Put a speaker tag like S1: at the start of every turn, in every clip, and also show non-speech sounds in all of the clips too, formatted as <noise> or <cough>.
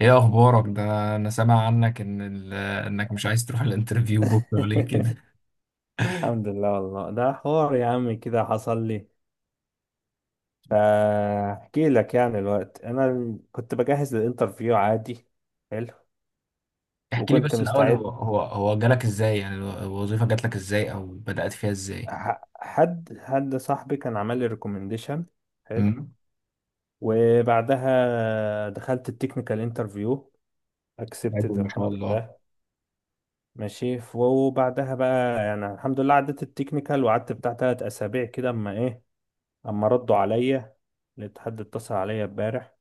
S1: ايه اخبارك ده؟ انا سامع عنك ان انك مش عايز تروح الانترفيو بكره، ليه كده؟
S2: <laughs> الحمد لله والله ده حوار يا عم كده حصل لي. فاحكي لك يعني الوقت انا كنت بجهز للانترفيو عادي. حلو
S1: احكي لي
S2: وكنت
S1: بس الاول،
S2: مستعد.
S1: هو جالك ازاي يعني؟ الوظيفه جات لك ازاي او بدأت فيها ازاي؟
S2: حد صاحبي كان عمل لي ريكومنديشن. حلو.
S1: امم.
S2: وبعدها دخلت التكنيكال انترفيو،
S1: حلو،
S2: اكسبتد
S1: ما شاء
S2: الحمد
S1: الله.
S2: لله. ماشي، وبعدها بقى يعني الحمد لله عدت التكنيكال، وقعدت بتاع تلات اسابيع كده اما ايه، اما ردوا عليا. لقيت حد اتصل عليا امبارح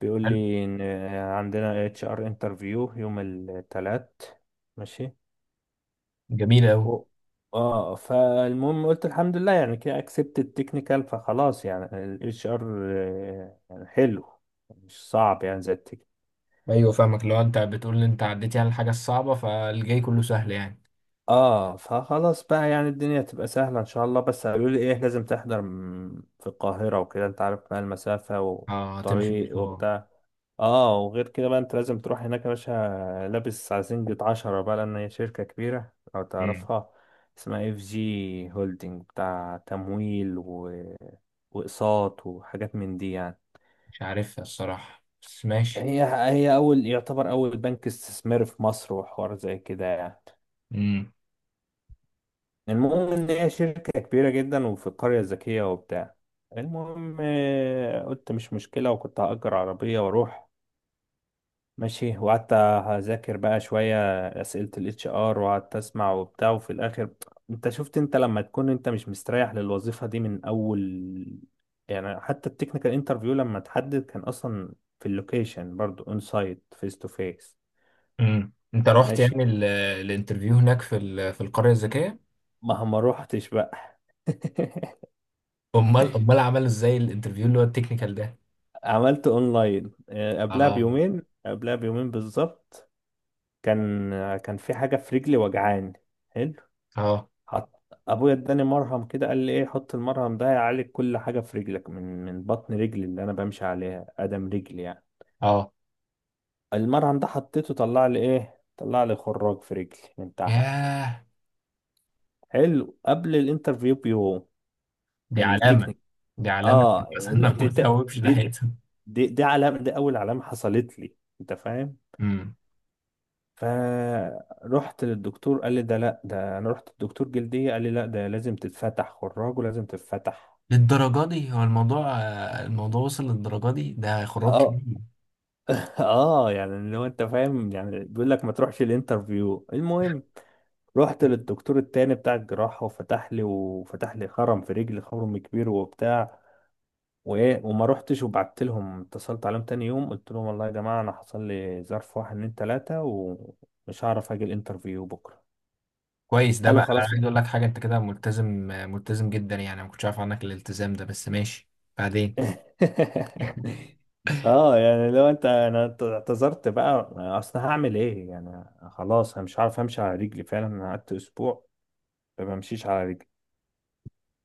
S2: بيقول
S1: حلو.
S2: لي ان عندنا اتش ار انترفيو يوم الثلاث. ماشي.
S1: جميل قوي.
S2: و... اه فالمهم قلت الحمد لله، يعني كده اكسبت التكنيكال، فخلاص يعني الاتش ار يعني حلو، مش صعب يعني زي التكنيكال.
S1: ايوه فاهمك، لو انت بتقول ان انت عديتي على الحاجه الصعبه فالجاي كله سهل يعني.
S2: اه فخلاص بقى يعني الدنيا تبقى سهلة ان شاء الله، بس قالوا لي ايه لازم تحضر في القاهرة وكده، انت عارف بقى المسافة
S1: اه تمشي
S2: والطريق
S1: بشوار.
S2: وبتاع. اه وغير كده بقى انت لازم تروح هناك يا باشا، لابس عزينجة عشرة بقى، لان هي شركة كبيرة لو
S1: امم.
S2: تعرفها. اسمها اف جي هولدنج بتاع تمويل واقساط وحاجات من دي يعني.
S1: مش عارفها الصراحه، بس ماشي.
S2: هي اول، يعتبر اول بنك استثماري في مصر، وحوار زي كده يعني.
S1: امم.
S2: المهم ان هي شركة كبيرة جدا وفي القرية الذكية وبتاع. المهم قلت مش مشكلة، وكنت هأجر عربية واروح. ماشي وقعدت اذاكر بقى شويه اسئله الاتش ار، وقعدت اسمع وبتاع، وفي الاخر انت شفت، انت لما تكون انت مش مستريح للوظيفه دي من اول، يعني حتى التكنيكال انترفيو لما تحدد كان اصلا في اللوكيشن برضو اون سايت فيس تو فيس.
S1: امم، انت رحت يعني
S2: ماشي.
S1: الانترفيو هناك في في القريه الذكيه؟
S2: ما روحتش بقى. <laughs>
S1: امال عملوا ازاي الانترفيو اللي هو التكنيكال ده؟
S2: عملت اونلاين، قبلها
S1: اه.
S2: بيومين، قبلها بيومين بالظبط. كان كان في حاجه في رجلي وجعان.
S1: اه.
S2: حط ابويا اداني مرهم كده، قال لي ايه حط المرهم ده يعالج كل حاجه في رجلك، من بطن رجلي اللي انا بمشي عليها ادم رجلي يعني.
S1: اه.
S2: المرهم ده حطيته، طلع لي ايه، طلع لي خراج في رجلي من تحت.
S1: ياه.
S2: حلو، قبل الانترفيو بيوم.
S1: دي علامة،
S2: التكنيك.
S1: دي علامة
S2: اه
S1: <laughs> مثلا انه ما تهوبش
S2: دي
S1: ناحيتهم.
S2: دي علامه، دي اول علامه حصلت لي، انت فاهم.
S1: امم.
S2: فرحت للدكتور قال لي ده لا، ده انا رحت للدكتور جلديه قال لي لا ده لازم تتفتح خراج ولازم تتفتح.
S1: للدرجة دي هو الموضوع؟ الموضوع وصل للدرجة دي، ده خراج
S2: اه.
S1: كبير.
S2: <laughs> اه يعني لو انت فاهم يعني بيقول لك ما تروحش الانترفيو. المهم رحت للدكتور التاني بتاع الجراحة، وفتح لي وفتح لي خرم في رجلي، خرم كبير وبتاع. وايه، وما رحتش، وبعت لهم، اتصلت عليهم تاني يوم قلت لهم والله يا جماعة انا حصل لي ظرف واحد اتنين تلاتة ومش هعرف اجي الانترفيو بكرة.
S1: كويس، ده
S2: قالوا
S1: بقى انا
S2: خلاص.
S1: عايز اقول
S2: <laughs>
S1: لك حاجة، انت كده ملتزم، ملتزم جدا يعني. أنا ما كنتش عارف عنك الالتزام ده، بس ماشي. بعدين.
S2: اه يعني لو انت، انا اعتذرت بقى، اصل هعمل ايه يعني، خلاص انا مش عارف امشي على رجلي، فعلا انا قعدت اسبوع ما بمشيش على رجلي.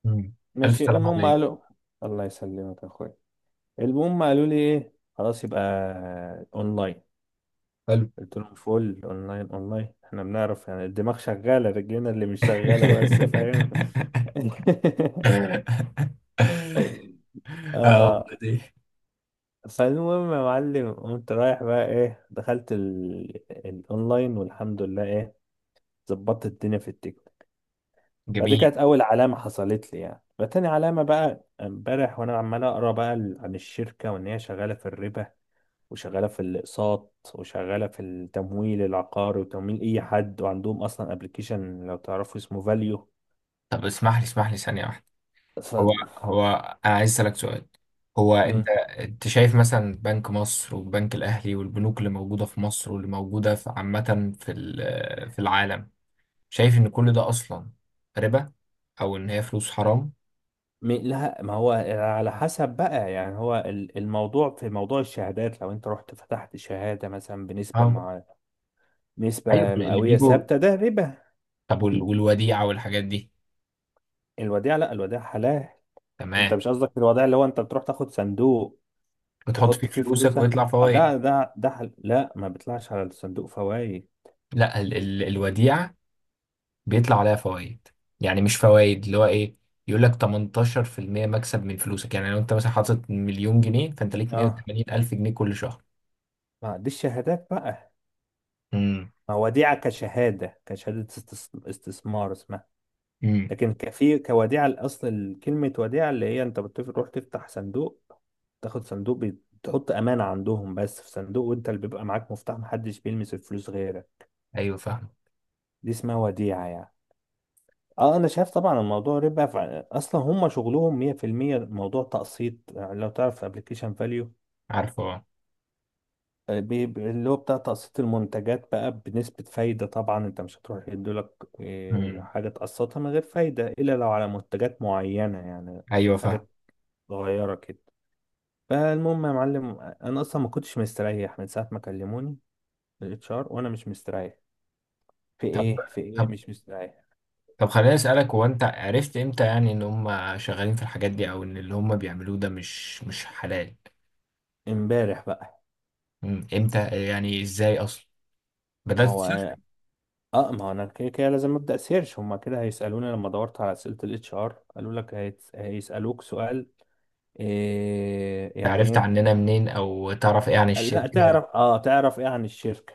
S1: امم. الف
S2: ماشي
S1: سلام
S2: المهم
S1: عليك.
S2: قالوا. الله يسلمك يا اخويا. المهم قالوا لي ايه خلاص يبقى اونلاين.
S1: حلو.
S2: قلت لهم فول اونلاين، اونلاين احنا بنعرف يعني، الدماغ شغاله رجلنا اللي مش شغاله بس، فاهم. <laughs>
S1: <laughs> اه
S2: اه.
S1: والله دي.
S2: فالمهم يا معلم قمت رايح بقى ايه، دخلت الاونلاين والحمد لله ايه، ظبطت الدنيا في التيكت. فدي
S1: جميل.
S2: كانت اول علامه حصلت لي يعني. فتاني علامه بقى امبارح وانا عمال اقرا بقى عن الشركه، وان هي شغاله في الربا وشغالة في الأقساط وشغالة في التمويل العقاري وتمويل أي حد، وعندهم أصلا ابلكيشن لو تعرفوا اسمه فاليو.
S1: طب اسمح لي، اسمح لي ثانية واحدة.
S2: ف.
S1: هو هو أنا عايز أسألك سؤال. هو
S2: مم.
S1: أنت شايف مثلا بنك مصر والبنك الأهلي والبنوك اللي موجودة في مصر واللي موجودة في عامة في في العالم، شايف إن كل ده أصلا ربا، أو إن هي فلوس حرام؟
S2: لا ما هو على حسب بقى يعني، هو الموضوع في موضوع الشهادات، لو انت رحت فتحت شهادة مثلا بنسبة
S1: اه.
S2: مع،
S1: أيوه
S2: نسبة
S1: اللي
S2: مئوية
S1: بيجوا.
S2: ثابتة ده ربا.
S1: طب والوديعة والحاجات دي؟
S2: الوديعة لا، الوديعة حلال. انت
S1: تمام.
S2: مش قصدك في الوديعة اللي هو انت بتروح تاخد صندوق
S1: بتحط فيه
S2: تحط فيه
S1: فلوسك
S2: فلوسك؟
S1: ويطلع
S2: آه،
S1: فوايد.
S2: ده ده ده حل... لا ما بيطلعش على الصندوق فوائد.
S1: لا ال ال الوديعة بيطلع عليها فوائد، يعني مش فوائد اللي هو ايه، يقول لك 18% مكسب من فلوسك. يعني لو انت مثلا حاطط مليون جنيه فانت ليك
S2: اه
S1: 180 الف جنيه كل شهر.
S2: ما دي الشهادات بقى،
S1: امم.
S2: ما وديعة كشهادة، كشهادة استثمار اسمها.
S1: امم.
S2: لكن كفي كوديعة، الأصل كلمة وديعة اللي هي أنت بتروح تفتح صندوق، تاخد صندوق تحط أمانة عندهم بس في صندوق، وأنت اللي بيبقى معاك مفتاح، محدش بيلمس الفلوس غيرك.
S1: ايوه فاهم.
S2: دي اسمها وديعة يعني. اه انا شايف طبعا الموضوع ربا، اصلا هم شغلهم 100% موضوع تقسيط يعني. لو تعرف ابلكيشن فاليو،
S1: عارفه اه.
S2: اللي هو بتاع تقسيط المنتجات بقى بنسبة فايدة، طبعا انت مش هتروح يدولك
S1: امم.
S2: حاجة تقسطها من غير فايدة إلا لو على منتجات معينة يعني،
S1: ايوه فاهم.
S2: حاجات صغيرة كده. فالمهم يا معلم أنا أصلا ما كنتش مستريح من ساعة ما كلموني الاتش ار، وأنا مش مستريح في
S1: طب
S2: إيه، في إيه
S1: طب
S2: مش مستريح.
S1: طب خليني اسالك، هو انت عرفت امتى يعني ان هم شغالين في الحاجات دي، او ان اللي هم بيعملوه ده مش حلال؟
S2: امبارح بقى.
S1: امم. امتى يعني؟ ازاي اصلا بدات
S2: ما هو
S1: تسيرش؟
S2: اه، ما هو انا كده كده لازم ابدا سيرش، هما كده هيسالوني، لما دورت على اسئله الاتش ار قالوا لك هيسالوك سؤال إيه،
S1: ده
S2: يعني
S1: عرفت
S2: ايه.
S1: عننا منين، او تعرف ايه عن
S2: لا،
S1: الشركه؟
S2: تعرف اه، تعرف ايه عن الشركة.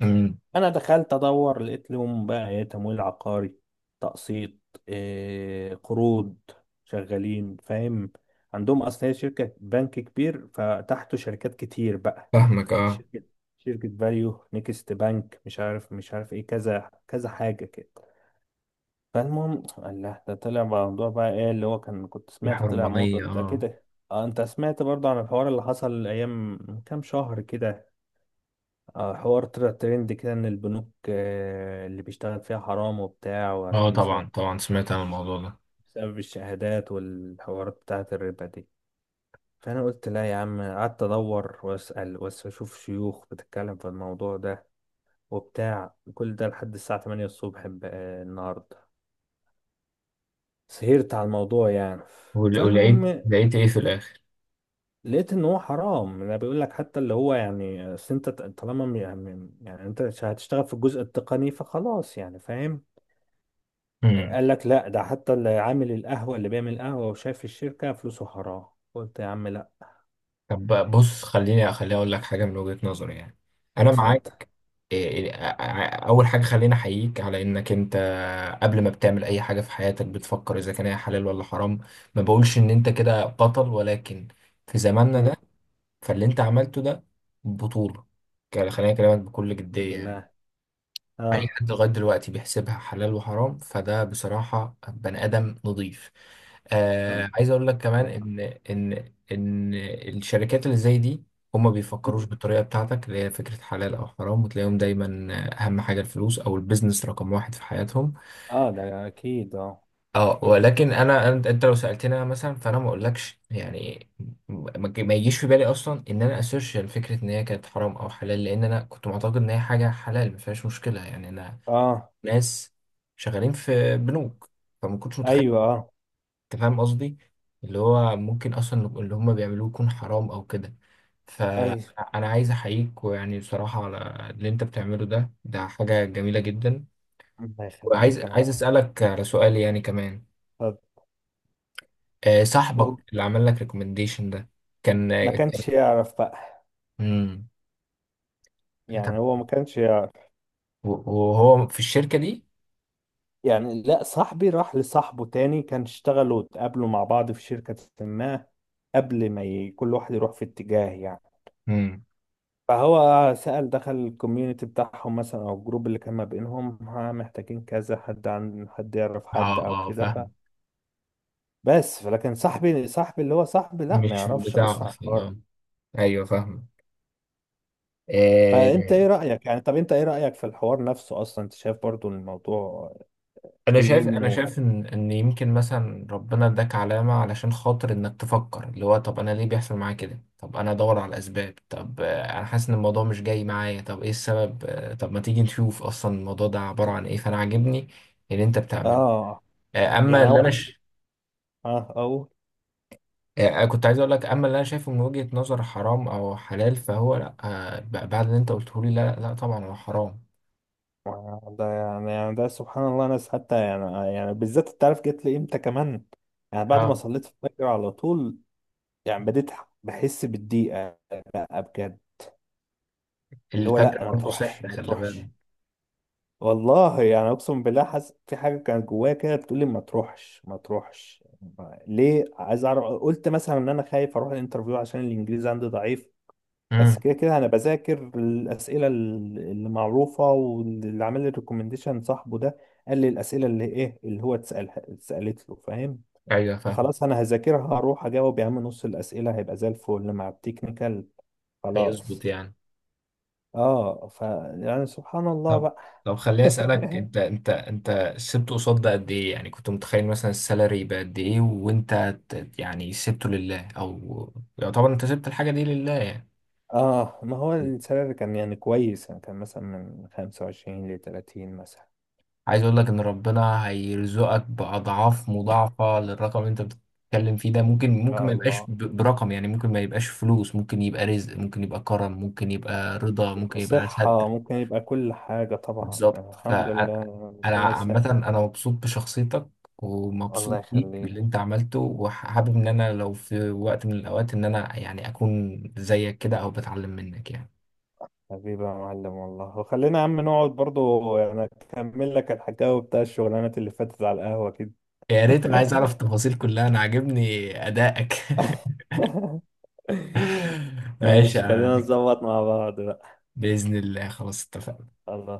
S1: امم.
S2: انا دخلت ادور لقيت لهم بقى ايه تمويل عقاري، تقسيط، إيه قروض، شغالين فاهم. عندهم اصل هي شركة بنك كبير فتحته شركات كتير بقى.
S1: فاهمك اه.
S2: شركة، شركة فاليو، نيكست بنك، مش عارف مش عارف ايه كذا كذا حاجة كده. فالمهم الله، ده طلع موضوع بقى ايه اللي هو كان كنت
S1: في
S2: سمعت، طلع موضوع
S1: حرمانيه
S2: ده
S1: اه.
S2: كده. اه انت سمعت برضه عن الحوار اللي حصل ايام من كام شهر كده؟ حوار طلع ترند كده ان البنوك اللي بيشتغل فيها حرام وبتاع،
S1: اه
S2: وعشان بسبب،
S1: طبعا، طبعا سمعت عن
S2: الش-
S1: الموضوع ده.
S2: بسبب الشهادات والحوارات بتاعة الربا دي. فانا قلت لا يا عم، قعدت ادور واسال واشوف شيوخ بتتكلم في الموضوع ده وبتاع، وكل ده لحد الساعة 8 الصبح النهارده، سهرت على الموضوع يعني.
S1: ولقيت
S2: فالمهم
S1: ايه في الاخر؟
S2: لقيت ان هو حرام. انا بيقول لك حتى اللي هو يعني، أصل انت طالما يعني يعني انت هتشتغل في الجزء التقني فخلاص يعني فاهم،
S1: امم.
S2: قال لك لا ده حتى اللي عامل القهوة اللي بيعمل قهوة وشايف الشركة فلوسه حرام. قلت يا عم لا.
S1: طب بقى بص، خليني اقول لك حاجه من وجهه نظري يعني، انا
S2: اتفضل.
S1: معاك. اول حاجه خليني احييك على انك انت قبل ما بتعمل اي حاجه في حياتك بتفكر اذا كان هي حلال ولا حرام. ما بقولش ان انت كده بطل، ولكن في زماننا
S2: مم.
S1: ده فاللي انت عملته ده بطوله، يعني خليني اكلمك بكل
S2: الحمد
S1: جديه يعني.
S2: لله.
S1: اي
S2: اه.
S1: حد لغايه دلوقتي بيحسبها حلال وحرام فده بصراحه بني ادم نضيف.
S2: اه.
S1: آه، عايز اقول لك كمان ان ان الشركات اللي زي دي هما بيفكروش
S2: مم.
S1: بالطريقه بتاعتك اللي هي فكره حلال او حرام، وتلاقيهم دايما اهم حاجه الفلوس او البيزنس رقم واحد في حياتهم.
S2: ده اكيد اه.
S1: اه ولكن انا، انت لو سالتني انا مثلا، فانا ما اقولكش يعني ما يجيش في بالي اصلا ان انا اسيرش فكره ان هي كانت حرام او حلال، لان انا كنت معتقد ان هي حاجه حلال ما فيهاش مشكله. يعني انا
S2: اه.
S1: ناس شغالين في بنوك، فما كنتش متخيل،
S2: ايوه اه.
S1: انت فاهم قصدي، اللي هو ممكن اصلا اللي هم بيعملوه يكون حرام او كده.
S2: ايوه
S1: فانا عايز احييك، ويعني بصراحة على اللي انت بتعمله ده، ده حاجة جميلة جدا.
S2: الله
S1: وعايز
S2: يخليك يا معلم.
S1: عايز اسألك على سؤال يعني كمان.
S2: اتفضل. هو
S1: صاحبك اللي عمل لك ريكومنديشن ده كان،
S2: ما
S1: كان
S2: كانش يعرف بقى،
S1: مم. طب
S2: يعني هو ما كانش يعرف.
S1: وهو في الشركة دي؟
S2: يعني لا، صاحبي راح لصاحبه تاني، كان اشتغلوا واتقابلوا مع بعض في شركة ما، قبل ما ي... كل واحد يروح في اتجاه يعني.
S1: امم.
S2: فهو سأل دخل الكوميونتي بتاعهم مثلا او الجروب اللي كان ما بينهم، ها محتاجين كذا حد، عن حد يعرف
S1: اه.
S2: حد او
S1: اه
S2: كده. ف،
S1: فاهم.
S2: بس فلكن صاحبي، صاحبي اللي هو صاحبي لا ما
S1: مش
S2: يعرفش
S1: بتاع
S2: اصلا
S1: اصلا
S2: الحوار.
S1: اه. ايوه
S2: فانت ايه
S1: فاهم.
S2: رأيك يعني، طب انت ايه رأيك في الحوار نفسه اصلا، انت شايف برضو إن الموضوع
S1: انا
S2: في
S1: شايف انا
S2: منه؟
S1: شايف ان يمكن مثلا ربنا اداك علامه علشان خاطر انك تفكر اللي هو، طب انا ليه بيحصل معايا كده؟ طب انا ادور على الاسباب. طب انا حاسس ان الموضوع مش جاي معايا، طب ايه السبب؟ طب ما تيجي نشوف اصلا الموضوع ده عباره عن ايه. فانا عاجبني اللي انت بتعمله.
S2: اه
S1: آه، اما
S2: يعني
S1: اللي
S2: هو
S1: انا
S2: انا،
S1: ش...
S2: اه او.
S1: كنت عايز اقول لك، اما اللي انا شايفه من وجهه نظر حرام او حلال فهو لا، بعد اللي انت قلته لي لا، لا طبعا هو حرام.
S2: ده يعني يعني ده سبحان الله، ناس حتى يعني يعني بالذات، انت عارف جت لي امتى كمان؟ يعني بعد ما
S1: اه.
S2: صليت الفجر على طول. يعني بديت بحس بالضيقة بقى بجد، اللي هو
S1: الفكره
S2: لا ما
S1: برضه
S2: تروحش
S1: سحر،
S2: ما
S1: خلي
S2: تروحش.
S1: بالك.
S2: والله يعني اقسم بالله حاسس في حاجة كانت جوايا كده بتقول لي ما تروحش ما تروحش، ليه عايز اعرف، قلت مثلا ان انا خايف اروح الانترفيو عشان الانجليزي عندي ضعيف،
S1: امم.
S2: بس كده كده انا بذاكر الاسئله اللي معروفه، واللي عامل لي ريكومنديشن صاحبه ده قال لي الاسئله اللي ايه اللي هو اتسالها، اتسالت له فاهم؟
S1: ايوه فاهم.
S2: فخلاص انا هذاكرها هروح اجاوب، يا عم نص الاسئله هيبقى زي الفل مع التكنيكال.
S1: هيظبط
S2: خلاص.
S1: يعني.
S2: اه ف، يعني سبحان الله
S1: طب،
S2: بقى.
S1: طب خليني اسالك،
S2: <laughs>
S1: انت سبته قصاد ده قد ايه يعني؟ كنت متخيل مثلا السالري يبقى قد ايه، وانت يعني سبته لله، او يعتبر انت سبت الحاجه دي لله يعني؟
S2: اه ما هو السعر كان يعني كويس، يعني كان مثلا من 25 ل 30 مثلا.
S1: عايز اقول لك ان ربنا هيرزقك باضعاف مضاعفه للرقم اللي انت بتتكلم فيه ده.
S2: ان
S1: ممكن، ممكن
S2: شاء
S1: ما يبقاش
S2: الله.
S1: برقم يعني، ممكن ما يبقاش فلوس، ممكن يبقى رزق، ممكن يبقى كرم، ممكن يبقى رضا، ممكن يبقى
S2: صحة،
S1: ستر.
S2: ممكن يبقى كل حاجة طبعا يعني
S1: بالظبط.
S2: الحمد
S1: فانا،
S2: لله ربنا يسهل.
S1: عامه انا مبسوط بشخصيتك،
S2: الله
S1: ومبسوط بيك
S2: يخليك
S1: باللي انت عملته، وحابب ان انا لو في وقت من الاوقات ان انا يعني اكون زيك كده او بتعلم منك يعني.
S2: حبيبي يا معلم والله، وخلينا يا عم نقعد برضو يعني أكمل لك الحكاوي بتاع الشغلانات اللي فاتت على القهوة كده.
S1: يا ريت، انا عايز اعرف التفاصيل كلها، انا عاجبني ادائك.
S2: <laughs>
S1: <laughs> ماشي يا
S2: ماشي، خلينا
S1: عم.
S2: نظبط مع بعض بقى.
S1: باذن الله، خلاص اتفقنا.
S2: الله.